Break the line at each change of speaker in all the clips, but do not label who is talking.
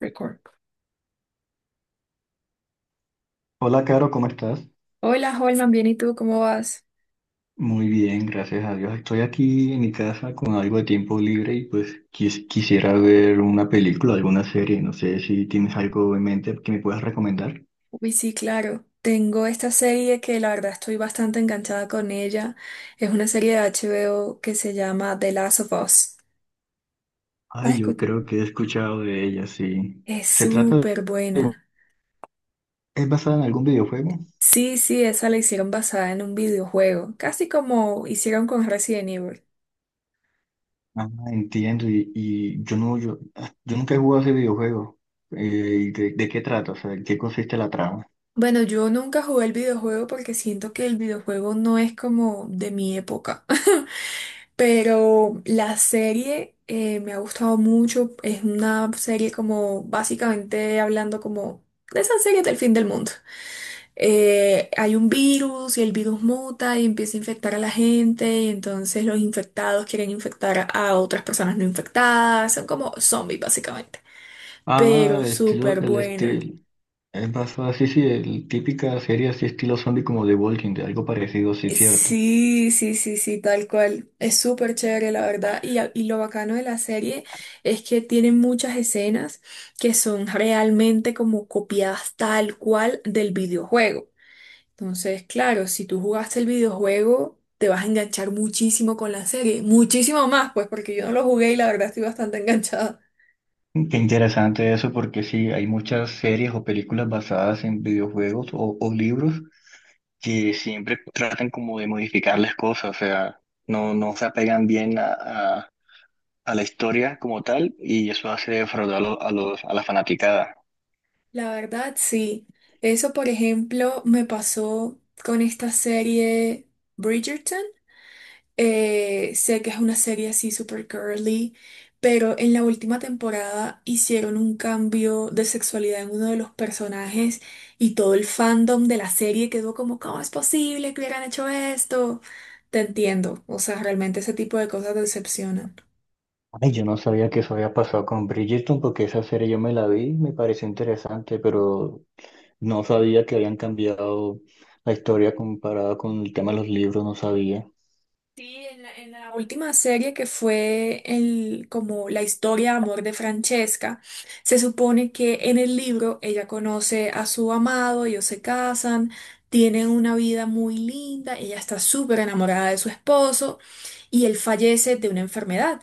Record.
Hola, Caro, ¿cómo estás?
Hola, Holman, bien, ¿y tú cómo vas?
Muy bien, gracias a Dios. Estoy aquí en mi casa con algo de tiempo libre y pues quisiera ver una película, alguna serie. No sé si tienes algo en mente que me puedas recomendar.
Uy, sí, claro. Tengo esta serie que la verdad estoy bastante enganchada con ella. Es una serie de HBO que se llama The Last of Us. ¿La has
Ay, yo
escu-
creo que he escuchado de ella, sí.
Es
Se trata de...
súper buena.
¿Es basada en algún videojuego?
Sí, sí, esa la hicieron basada en un videojuego, casi como hicieron con Resident Evil.
Ah, entiendo. Y yo no, yo, yo nunca he jugado ese videojuego. Eh, ¿Y de qué trata? O sea, ¿en qué consiste la trama?
Bueno, yo nunca jugué el videojuego porque siento que el videojuego no es como de mi época. Pero la serie me ha gustado mucho. Es una serie como básicamente hablando como de esas series del fin del mundo. Hay un virus y el virus muta y empieza a infectar a la gente y entonces los infectados quieren infectar a otras personas no infectadas. Son como zombies básicamente.
Ah,
Pero súper
el
buena.
estilo. Es basada, sí, sí, el, típica serie así estilo zombie como The Walking Dead, algo parecido, sí, cierto.
Sí, sí, sí, sí, tal cual. Es súper chévere, la verdad. Y, a- y lo bacano de la serie es que tiene muchas escenas que son realmente como copiadas tal cual del videojuego. Entonces, claro, si tú jugaste el videojuego, te vas a enganchar muchísimo con la serie. Muchísimo más, pues, porque yo no lo jugué y la verdad estoy bastante enganchada.
Qué interesante eso porque sí, hay muchas series o películas basadas en videojuegos o libros que siempre tratan como de modificar las cosas, o sea, no se apegan bien a la historia como tal y eso hace defraudar a a la fanaticada.
La verdad, sí. Eso, por ejemplo, me pasó con esta serie. Bridgerton. Sé que es una serie así super curly, pero en la última temporada hicieron un cambio de sexualidad en uno de los personajes y todo el fandom de la serie quedó como, ¿cómo es posible que hubieran hecho esto? Te entiendo, o sea, realmente ese tipo de cosas decepcionan.
Ay, yo no sabía que eso había pasado con Bridgerton porque esa serie yo me la vi, me pareció interesante, pero no sabía que habían cambiado la historia comparada con el tema de los libros, no sabía.
Sí, en la última serie que fue el, como la historia de amor de Francesca, se supone que en el libro ella conoce a su amado, ellos se casan, tienen una vida muy linda, ella está súper enamorada de su esposo y él fallece de una enfermedad.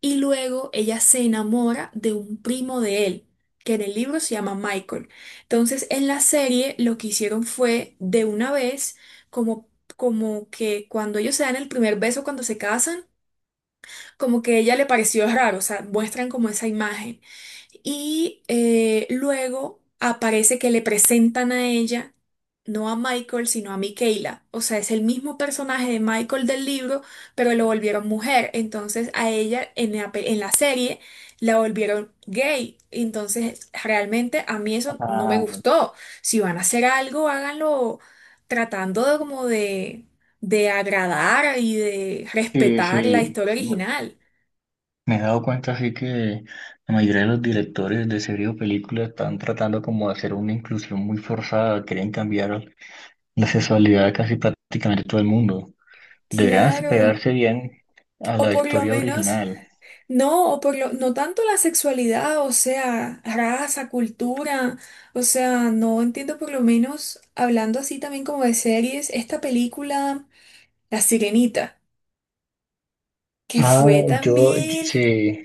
Y luego ella se enamora de un primo de él, que en el libro se llama Michael. Entonces, en la serie lo que hicieron fue de una vez como como que cuando ellos se dan el primer beso, cuando se casan, como que a ella le pareció raro, o sea, muestran como esa imagen. Y luego aparece que le presentan a ella, no a Michael, sino a Michaela. O sea, es el mismo personaje de Michael del libro, pero lo volvieron mujer. Entonces a ella en la, pe- en la serie la volvieron gay. Entonces realmente a mí eso no me
Ah,
gustó. Si van a hacer algo, háganlo tratando de como de agradar y de
sí,
respetar la
sí.
historia
No,
original.
me he dado cuenta así que la mayoría de los directores de series o películas están tratando como de hacer una inclusión muy forzada, quieren cambiar la sexualidad de casi prácticamente todo el mundo. Deberían
Claro,
pegarse bien a
o
la
por lo
historia
menos,
original.
no, o por lo, no tanto la sexualidad, o sea, raza, cultura, o sea, no entiendo por lo menos, hablando así también como de series, esta película, La Sirenita, que
Ah,
fue también,
sí,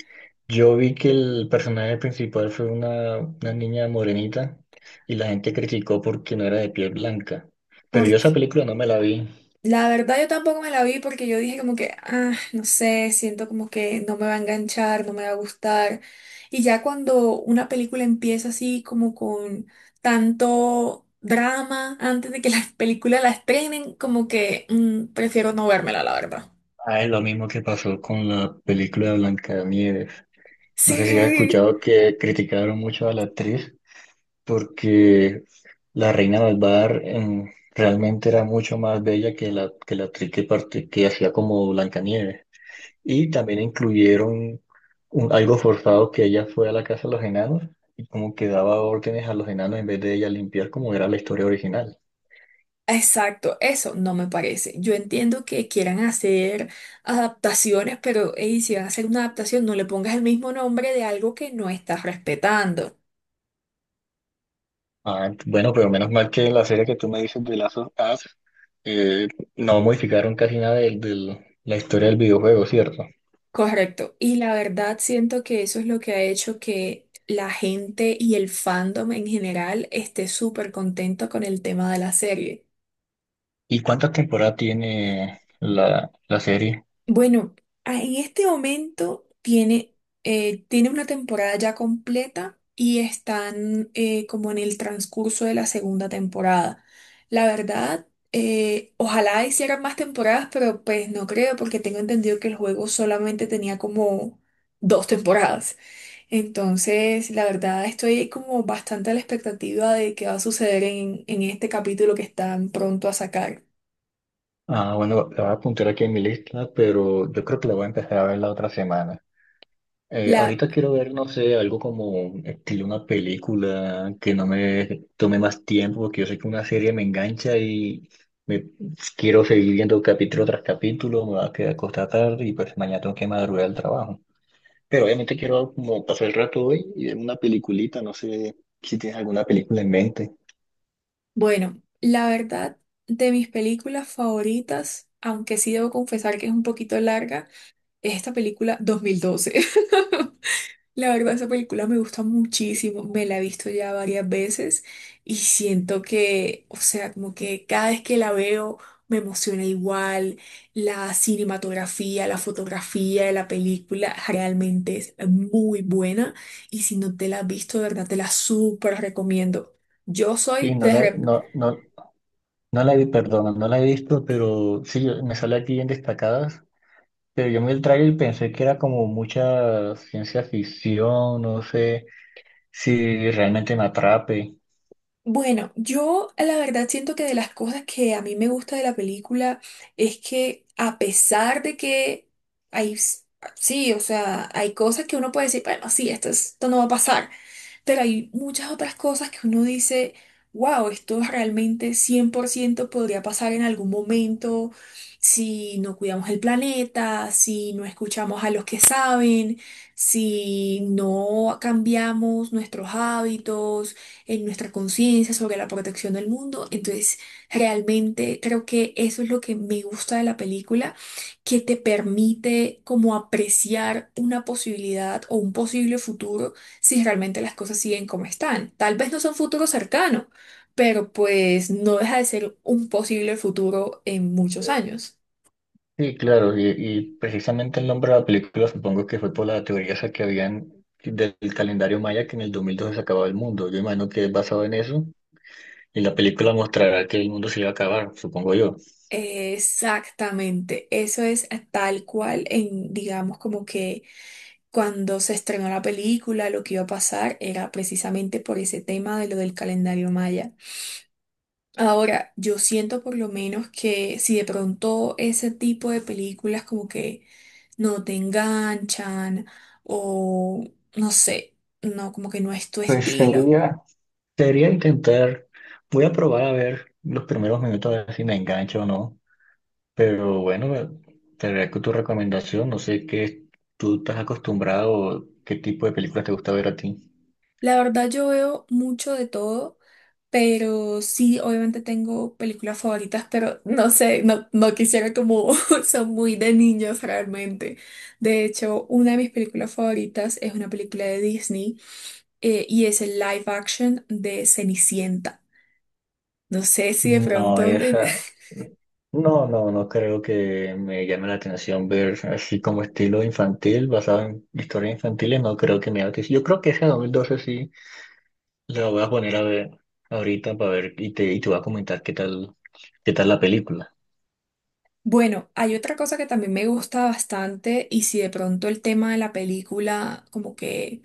yo vi que el personaje principal fue una niña morenita y la gente criticó porque no era de piel blanca. Pero yo esa
porque
película no me la vi.
la verdad yo tampoco me la vi porque yo dije como que, ah, no sé, siento como que no me va a enganchar, no me va a gustar. Y ya cuando una película empieza así como con tanto drama antes de que la película la estrenen, como que mm, prefiero no vérmela, la verdad.
Ah, es lo mismo que pasó con la película de Blancanieves. No sé si has
Sí,
escuchado que criticaron mucho a la actriz porque la reina malvada realmente era mucho más bella que que la actriz que hacía como Blancanieves. Y también incluyeron algo forzado que ella fue a la casa de los enanos y como que daba órdenes a los enanos en vez de ella limpiar como era la historia original.
exacto, eso no me parece. Yo entiendo que quieran hacer adaptaciones, pero ey, si van a hacer una adaptación, no le pongas el mismo nombre de algo que no estás respetando.
Ah, bueno, pero menos mal que la serie que tú me dices de Last of Us, eh, no modificaron casi nada de la historia del videojuego, ¿cierto?
Correcto. Y la verdad siento que eso es lo que ha hecho que la gente y el fandom en general esté súper contento con el tema de la serie.
¿Y cuántas temporadas tiene la serie?
Bueno, a- en este momento tiene, tiene una temporada ya completa y están como en el transcurso de la segunda temporada. La verdad, ojalá hicieran más temporadas, pero pues no creo porque tengo entendido que el juego solamente tenía como dos temporadas. Entonces, la verdad, estoy como bastante a la expectativa de qué va a suceder en este capítulo que están pronto a sacar.
Ah, bueno, la voy a apuntar aquí en mi lista, pero yo creo que la voy a empezar a ver la otra semana.
La,
Ahorita quiero ver, no sé, algo como estilo una película que no me tome más tiempo, porque yo sé que una serie me engancha y me quiero seguir viendo capítulo tras capítulo, me va a quedar acostada tarde y pues mañana tengo que madrugar al trabajo. Pero obviamente quiero como pasar el rato hoy y ver una peliculita, no sé si tienes alguna película en mente.
bueno, la verdad, de mis películas favoritas, aunque sí debo confesar que es un poquito larga, es esta película 2012. La verdad, esa película me gusta muchísimo, me la he visto ya varias veces y siento que, o sea, como que cada vez que la veo me emociona igual, la cinematografía, la fotografía de la película realmente es muy buena y si no te la has visto, de verdad, te la súper recomiendo. Yo
Sí,
soy de
no, no la vi, perdona, no la he visto, pero sí, me sale aquí en destacadas. Pero yo me el tráiler y pensé que era como mucha ciencia ficción, no sé si realmente me atrape.
bueno, yo la verdad siento que de las cosas que a mí me gusta de la película es que a pesar de que hay, s- sí, o sea, hay cosas que uno puede decir, bueno, sí, esto, es- esto no va a pasar, pero hay muchas otras cosas que uno dice, wow, esto realmente 100% podría pasar en algún momento si no cuidamos el planeta, si no escuchamos a los que saben, si no cambiamos nuestros hábitos, en nuestra conciencia sobre la protección del mundo. Entonces, realmente creo que eso es lo que me gusta de la película que te permite como apreciar una posibilidad o un posible futuro si realmente las cosas siguen como están. Tal vez no son futuro cercano, pero pues no deja de ser un posible futuro en muchos años.
Sí, claro, y precisamente el nombre de la película supongo que fue por la teoría esa que habían del calendario maya que en el 2012 se acababa el mundo. Yo imagino que es basado en eso y la película mostrará que el mundo se iba a acabar, supongo yo.
Exactamente, eso es tal cual en, digamos, como que cuando se estrenó la película, lo que iba a pasar era precisamente por ese tema de lo del calendario maya. Ahora, yo siento por lo menos que si de pronto ese tipo de películas como que no te enganchan o no sé, no, como que no es tu
Pues
estilo.
sería, sería intentar, voy a probar a ver los primeros minutos a ver si me engancho o no. Pero bueno, te agradezco tu recomendación. No sé qué tú estás acostumbrado, qué tipo de películas te gusta ver a ti.
La verdad yo veo mucho de todo, pero sí, obviamente tengo películas favoritas, pero no sé, no, no quisiera como son muy de niños realmente. De hecho, una de mis películas favoritas es una película de Disney y es el live action de Cenicienta. No sé si de
No,
pronto... de-
esa. No, no, no creo que me llame la atención ver así como estilo infantil, basado en historias infantiles. No creo que me llame la atención. Yo creo que esa 2012 sí la voy a poner a ver ahorita para ver y y te voy a comentar qué tal la película.
Bueno, hay otra cosa que también me gusta bastante y si de pronto el tema de la película como que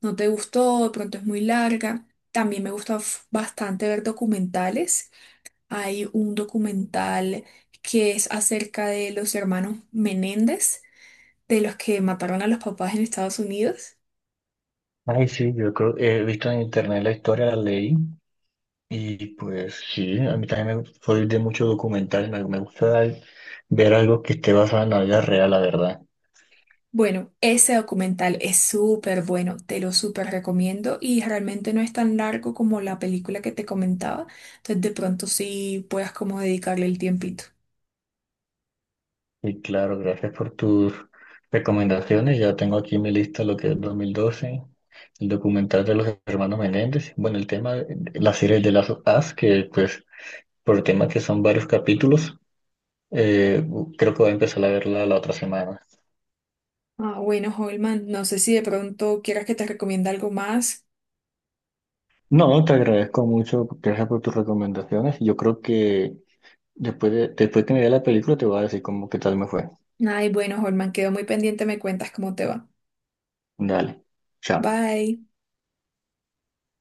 no te gustó, de pronto es muy larga, también me gusta f- bastante ver documentales. Hay un documental que es acerca de los hermanos Menéndez, de los que mataron a los papás en Estados Unidos.
Ay, sí, yo creo, he visto en internet la historia, la leí. Y pues sí, a mí también soy de muchos documentales, me gusta ver algo que esté basado en la vida real, la verdad.
Bueno, ese documental es súper bueno, te lo súper recomiendo y realmente no es tan largo como la película que te comentaba, entonces de pronto sí puedas como dedicarle el tiempito.
Y claro, gracias por tus recomendaciones. Ya tengo aquí en mi lista lo que es 2012, el documental de los hermanos Menéndez. Bueno, el tema de la serie de las As, que pues por tema que son varios capítulos, eh, creo que voy a empezar a verla la otra semana.
Ah, bueno, Holman, no sé si de pronto quieras que te recomiende algo más.
No, te agradezco mucho, gracias por tus recomendaciones. Yo creo que... Después de, después que me vea la película te voy a decir cómo qué tal me fue.
Ay, bueno, Holman, quedo muy pendiente, me cuentas cómo te va.
Dale. Chao.
Bye.